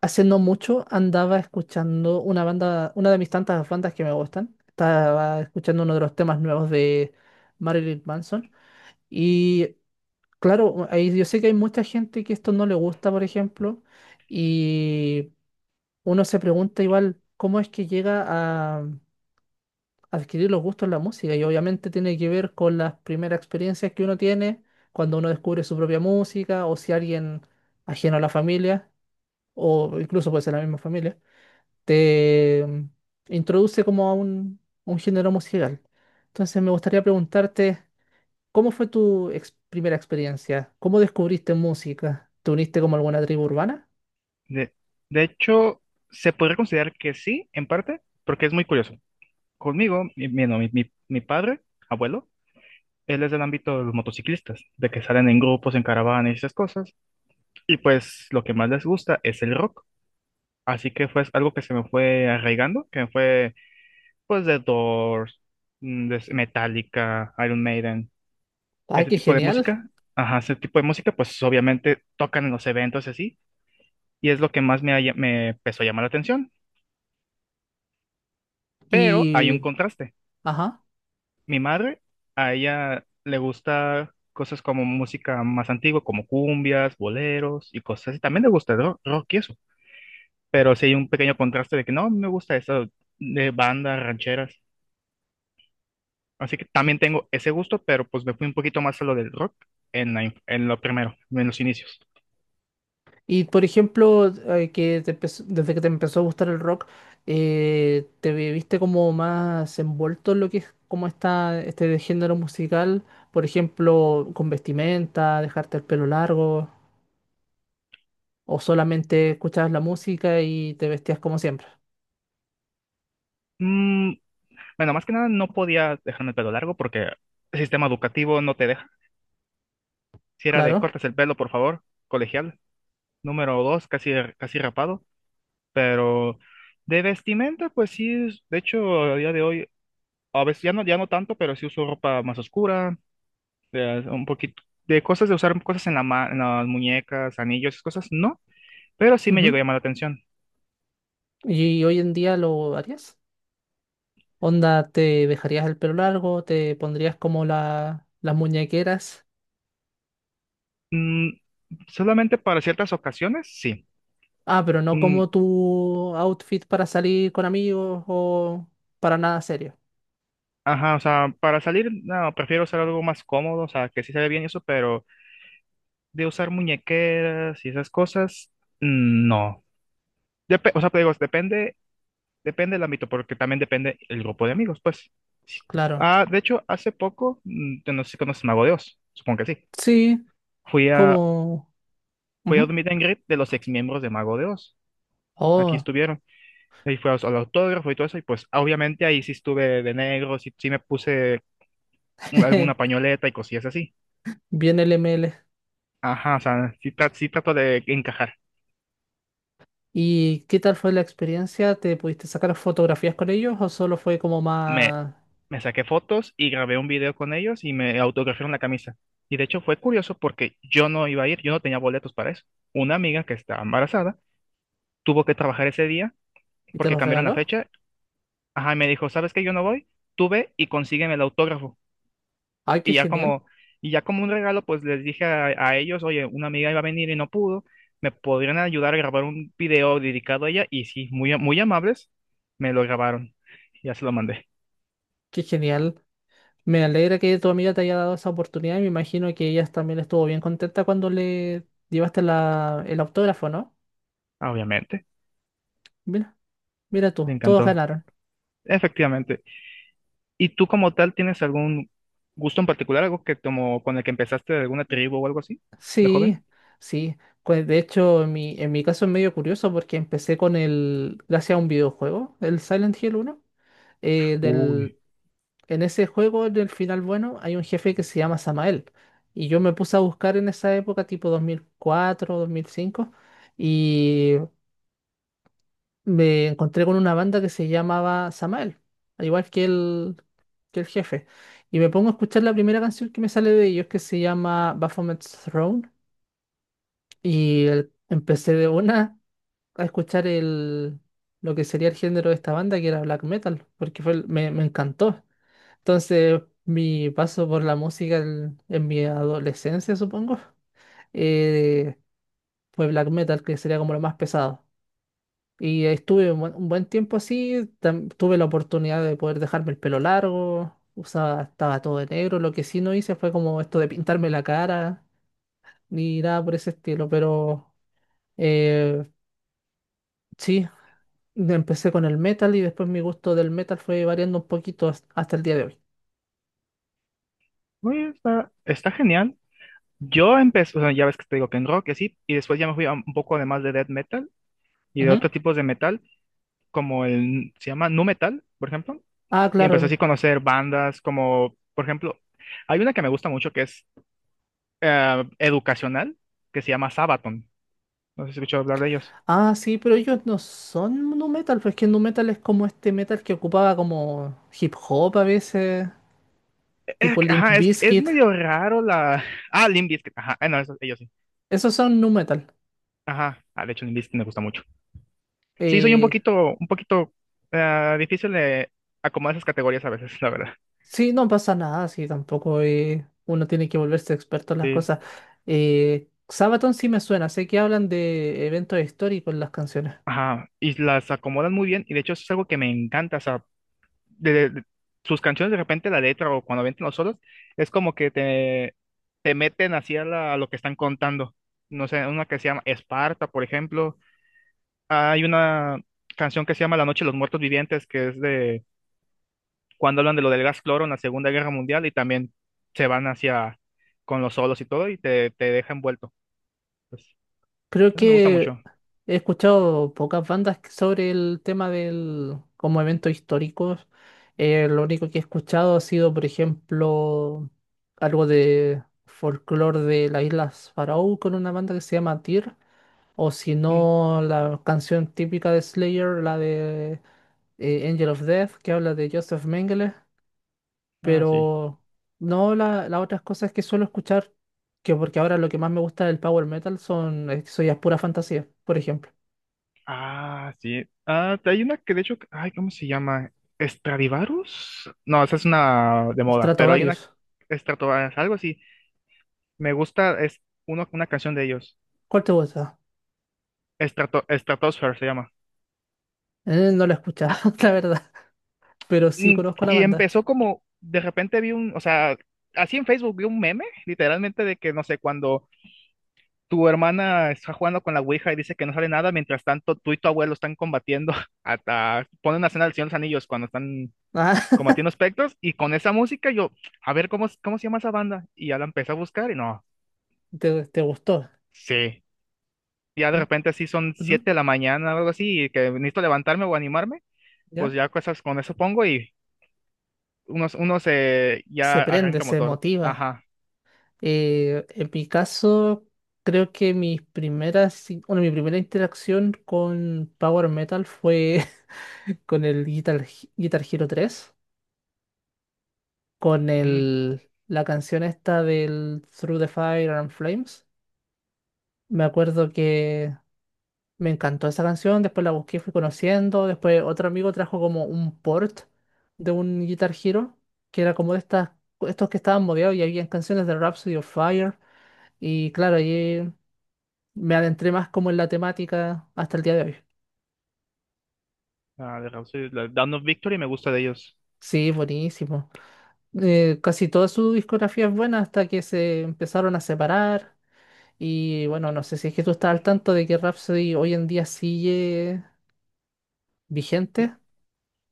Hace no mucho andaba escuchando una banda, una de mis tantas bandas que me gustan. Estaba escuchando uno de los temas nuevos de Marilyn Manson. Y claro, ahí yo sé que hay mucha gente que esto no le gusta, por ejemplo. Y uno se pregunta igual cómo es que llega a adquirir los gustos en la música. Y obviamente tiene que ver con las primeras experiencias que uno tiene cuando uno descubre su propia música o si alguien ajeno a la familia o incluso puede ser la misma familia te introduce como a un género musical. Entonces me gustaría preguntarte, ¿cómo fue tu primera experiencia? ¿Cómo descubriste música? ¿Te uniste como a alguna tribu urbana? De, de hecho, se podría considerar que sí, en parte, porque es muy curioso. Conmigo, mi, no, mi- mi- mi padre, abuelo, él es del ámbito de los motociclistas, de que salen en grupos, en caravanas y esas cosas, y pues lo que más les gusta es el rock. Así que fue algo que se me fue arraigando, que fue pues de Doors, de Metallica, Iron Maiden, ¡Ay, ese qué tipo de genial! música. Ajá, ese tipo de música, pues obviamente tocan en los eventos y así, y es lo que más me, me empezó a llamar la atención. Pero hay Y, un contraste. ajá. Mi madre, a ella le gusta cosas como música más antigua, como cumbias, boleros y cosas así. También le gusta rock y eso, pero sí hay un pequeño contraste de que no, me gusta eso de bandas rancheras. Así que también tengo ese gusto, pero pues me fui un poquito más a lo del rock en, en lo primero, en los inicios. Y por ejemplo, que desde que te empezó a gustar el rock, viste como más envuelto en lo que es como está este género musical? Por ejemplo, con vestimenta, dejarte el pelo largo, o solamente escuchabas la música y te vestías como siempre. Mm, bueno, más que nada no podía dejarme el pelo largo porque el sistema educativo no te deja. Si era de Claro. cortas el pelo, por favor, colegial. Número 2, casi rapado. Pero de vestimenta, pues sí, de hecho, a día de hoy, a veces ya no, ya no tanto, pero sí uso ropa más oscura, un poquito de cosas de usar cosas en en las muñecas, anillos, esas cosas, no, pero sí me llegó Ujú. a llamar la atención. ¿Y hoy en día lo harías? Onda, ¿te dejarías el pelo largo? ¿Te pondrías como las muñequeras? Mm, solamente para ciertas ocasiones, sí. Ah, pero no Mm, como tu outfit para salir con amigos o para nada serio. ajá, o sea, para salir, no, prefiero usar algo más cómodo, o sea, que sí se ve bien y eso, pero de usar muñequeras y esas cosas, no. O sea, te digo, depende. Depende del ámbito, porque también depende el grupo de amigos, pues. Claro. Ah, de hecho, hace poco, yo no sé si conoces Mago de Oz, supongo que sí. Sí, Fui a, como. fui a un Ujú. meet and greet de los ex miembros de Mago de Oz. Aquí Oh, estuvieron. Ahí al autógrafo y todo eso, y pues obviamente ahí sí estuve de negro, sí, sí me puse alguna pañoleta y cosillas así. bien LML. Ajá, o sea, sí, sí trato de encajar. ¿Y qué tal fue la experiencia? ¿Te pudiste sacar fotografías con ellos o solo fue como me, más, Me saqué fotos y grabé un video con ellos y me autografiaron la camisa. Y de hecho fue curioso porque yo no iba a ir, yo no tenía boletos para eso. Una amiga que estaba embarazada tuvo que trabajar ese día y te porque los cambiaron la regaló? fecha. Ajá, y me dijo, ¿sabes qué? Yo no voy, tú ve y consígueme el autógrafo. Ay, qué Y ya genial, como, y ya como un regalo, pues les dije a ellos, oye, una amiga iba a venir y no pudo, me podrían ayudar a grabar un video dedicado a ella. Y sí, muy amables, me lo grabaron. Ya se lo mandé, qué genial. Me alegra que tu amiga te haya dado esa oportunidad y me imagino que ella también estuvo bien contenta cuando le llevaste el autógrafo, ¿no? obviamente. Mira, mira Le tú, todos encantó. ganaron. Efectivamente. ¿Y tú como tal tienes algún gusto en particular, algo que como con el que empezaste de alguna tribu o algo así, de Sí, joven? sí. Pues de hecho, en mi caso es medio curioso porque empecé con gracias a un videojuego, el Silent Hill 1. eh, Uy, del, en ese juego, del final bueno, hay un jefe que se llama Samael. Y yo me puse a buscar en esa época, tipo dos mil cuatro, 2005. Y me encontré con una banda que se llamaba Samael, al igual que el jefe. Y me pongo a escuchar la primera canción que me sale de ellos, que se llama Baphomet's Throne. Y empecé de una a escuchar lo que sería el género de esta banda, que era black metal, porque me encantó. Entonces, mi paso por la música en mi adolescencia, supongo, eh, fue black metal, que sería como lo más pesado. Y estuve un buen tiempo así, tuve la oportunidad de poder dejarme el pelo largo, usaba, estaba todo de negro, lo que sí no hice fue como esto de pintarme la cara, ni nada por ese estilo, pero eh, sí, empecé con el metal y después mi gusto del metal fue variando un poquito hasta el día de hoy. Uy, está, está genial. Yo empecé, o sea, ya ves que te digo que en rock y así, y después ya me fui a un poco además de death metal y de Ujú. otros tipos de metal, como el, se llama nu metal, por ejemplo, Ah, y empecé así a claro. conocer bandas como, por ejemplo, hay una que me gusta mucho que es educacional, que se llama Sabaton. No sé si has escuchado hablar de ellos. Ah, sí, pero ellos no son nu metal, pues que nu metal es como este metal que ocupaba como hip hop a veces, tipo Limp Ajá, es Bizkit. medio raro la. Ah, Limp Bizkit, ajá, ah, no, eso, ellos sí. Esos son nu metal. Ajá, ah, de hecho, Limp Bizkit me gusta mucho. Sí, soy Eh, un poquito difícil de acomodar esas categorías a veces, la verdad. Sí, no pasa nada, sí, tampoco uno tiene que volverse experto en las Sí, cosas. Sabaton sí me suena, sé que hablan de eventos históricos en las canciones. ajá, y las acomodan muy bien, y de hecho, eso es algo que me encanta, o sea, de, de- de- sus canciones de repente, la letra o cuando avientan los solos, es como que te meten hacia a lo que están contando. No sé, una que se llama Esparta, por ejemplo. Hay una canción que se llama La Noche de los Muertos Vivientes, que es de cuando hablan de lo del gas cloro en la Segunda Guerra Mundial y también se van hacia con los solos y todo y te deja envuelto. Pues, Creo eso me gusta que mucho. he escuchado pocas bandas sobre el tema del como eventos históricos. Lo único que he escuchado ha sido, por ejemplo, algo de folclore de las Islas Faroe con una banda que se llama Tyr, o si Mm, no, la canción típica de Slayer, la de Angel of Death, que habla de Joseph Mengele, Ah, sí. pero no las otras cosas que suelo escuchar, que porque ahora lo que más me gusta del power metal son, eso ya es pura fantasía, por ejemplo. Ah, sí. Ah, hay una que de hecho, ay, ¿cómo se llama? ¿Stradivarius? No, esa es una de moda, pero hay una Stratovarius. Stratovarius, algo así. Me gusta, es uno, una canción de ellos. ¿Cuál te gusta? Stratosphere se llama. No la he escuchado, la verdad, pero sí Mm, conozco a la Y banda. empezó como, de repente o sea, así en Facebook vi un meme, literalmente, de que no sé, cuando tu hermana está jugando con la Ouija y dice que no sale nada, mientras tanto tú y tu abuelo están combatiendo, hasta ponen una escena del Señor de los Anillos cuando están Ah, combatiendo espectros, y con esa música yo, a ver, ¿cómo se llama esa banda? Y ya la empecé a buscar y no, te gustó. sí, ya de Mm, repente así son ujú, 7 de la mañana o algo así, y que necesito levantarme o animarme, pues ¿ya? ya cosas con eso pongo y unos Se ya prende, arranca se motor, motiva. ajá, En mi caso, creo que bueno, mi primera interacción con Power Metal fue con el Guitar Hero 3, con mm, la canción esta del Through the Fire and Flames. Me acuerdo que me encantó esa canción, después la busqué, fui conociendo, después otro amigo trajo como un port de un Guitar Hero, que era como de estos que estaban modeados y había canciones de Rhapsody of Fire, y claro, ahí me adentré más como en la temática hasta el día de hoy. ah, de Rhapsody, la Dawn of Victory me gusta de ellos, Sí, buenísimo casi toda su discografía es buena hasta que se empezaron a separar. Y bueno, no sé si es que tú estás al tanto de que Rhapsody hoy en día sigue vigente,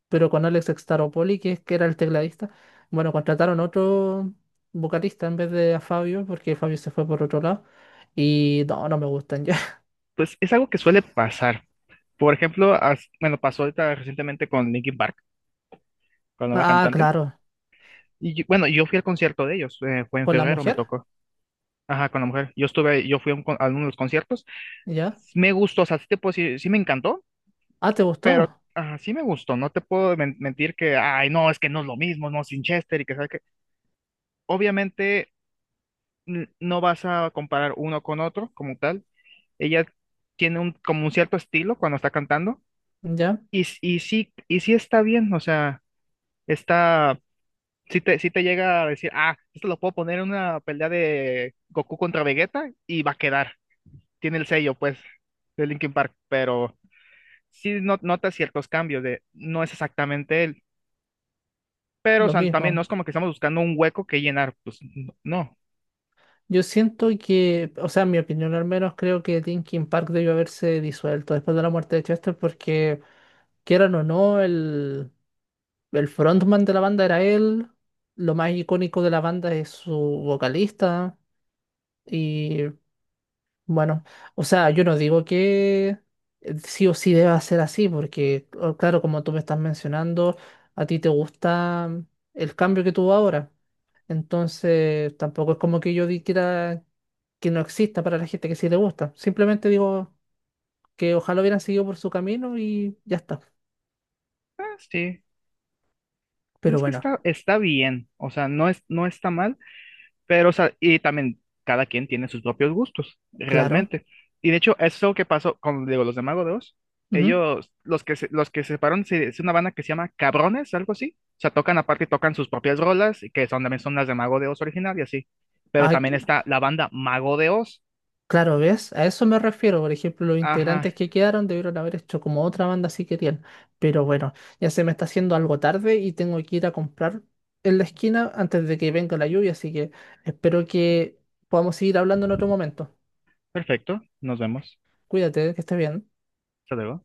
pero con Alex Staropoli, que era el tecladista, bueno, contrataron otro vocalista en vez de a Fabio, porque Fabio se fue por otro lado. Y no, no me gustan ya. pues es algo que suele pasar. Por ejemplo, bueno, pasó ahorita recientemente con Linkin Park, con la nueva Ah, cantante. claro, Bueno, yo fui al concierto de ellos, fue en con la febrero, me mujer, tocó. Ajá, con la mujer. Yo estuve, yo fui a, a uno de los conciertos. ya. Me gustó, o sea, sí te puedo decir, sí me encantó, Ah, ¿te pero gustó? ajá, sí me gustó. No te puedo mentir que, ay, no, es que no es lo mismo, no, sin Chester y que sabes que. Obviamente, no vas a comparar uno con otro como tal. Ella tiene un, como un cierto estilo cuando está cantando. Ya, Y sí está bien, o sea, está. Si te llega a decir, ah, esto lo puedo poner en una pelea de Goku contra Vegeta y va a quedar. Tiene el sello, pues, de Linkin Park, pero sí nota ciertos cambios de, no es exactamente él, pero o lo sea, también no mismo. es como que estamos buscando un hueco que llenar, pues, no. Yo siento que, o sea, en mi opinión al menos, creo que Linkin Park debió haberse disuelto después de la muerte de Chester, porque quieran o no, el frontman de la banda era él. Lo más icónico de la banda es su vocalista. Y bueno, o sea, yo no digo que sí o sí deba ser así, porque claro, como tú me estás mencionando, a ti te gusta el cambio que tuvo ahora. Entonces, tampoco es como que yo dijera que no exista para la gente que sí le gusta. Simplemente digo que ojalá hubieran seguido por su camino y ya está. Ah, sí, pues Pero es que bueno, está, está bien, o sea, no es, no está mal. Pero, o sea, y también cada quien tiene sus propios gustos, claro. realmente. Y de hecho, eso que pasó con, digo, los de Mago de Oz, Ujú. ellos, los que se separaron, es una banda que se llama Cabrones, algo así. O sea, tocan aparte, tocan sus propias rolas, que son también son las de Mago de Oz original y así. Pero Ay, también está la banda Mago de Oz. claro, ¿ves? A eso me refiero. Por ejemplo, los integrantes Ajá, que quedaron debieron haber hecho como otra banda si querían. Pero bueno, ya se me está haciendo algo tarde y tengo que ir a comprar en la esquina antes de que venga la lluvia, así que espero que podamos seguir hablando en otro momento. perfecto, nos vemos. Cuídate, que estés bien. Hasta luego.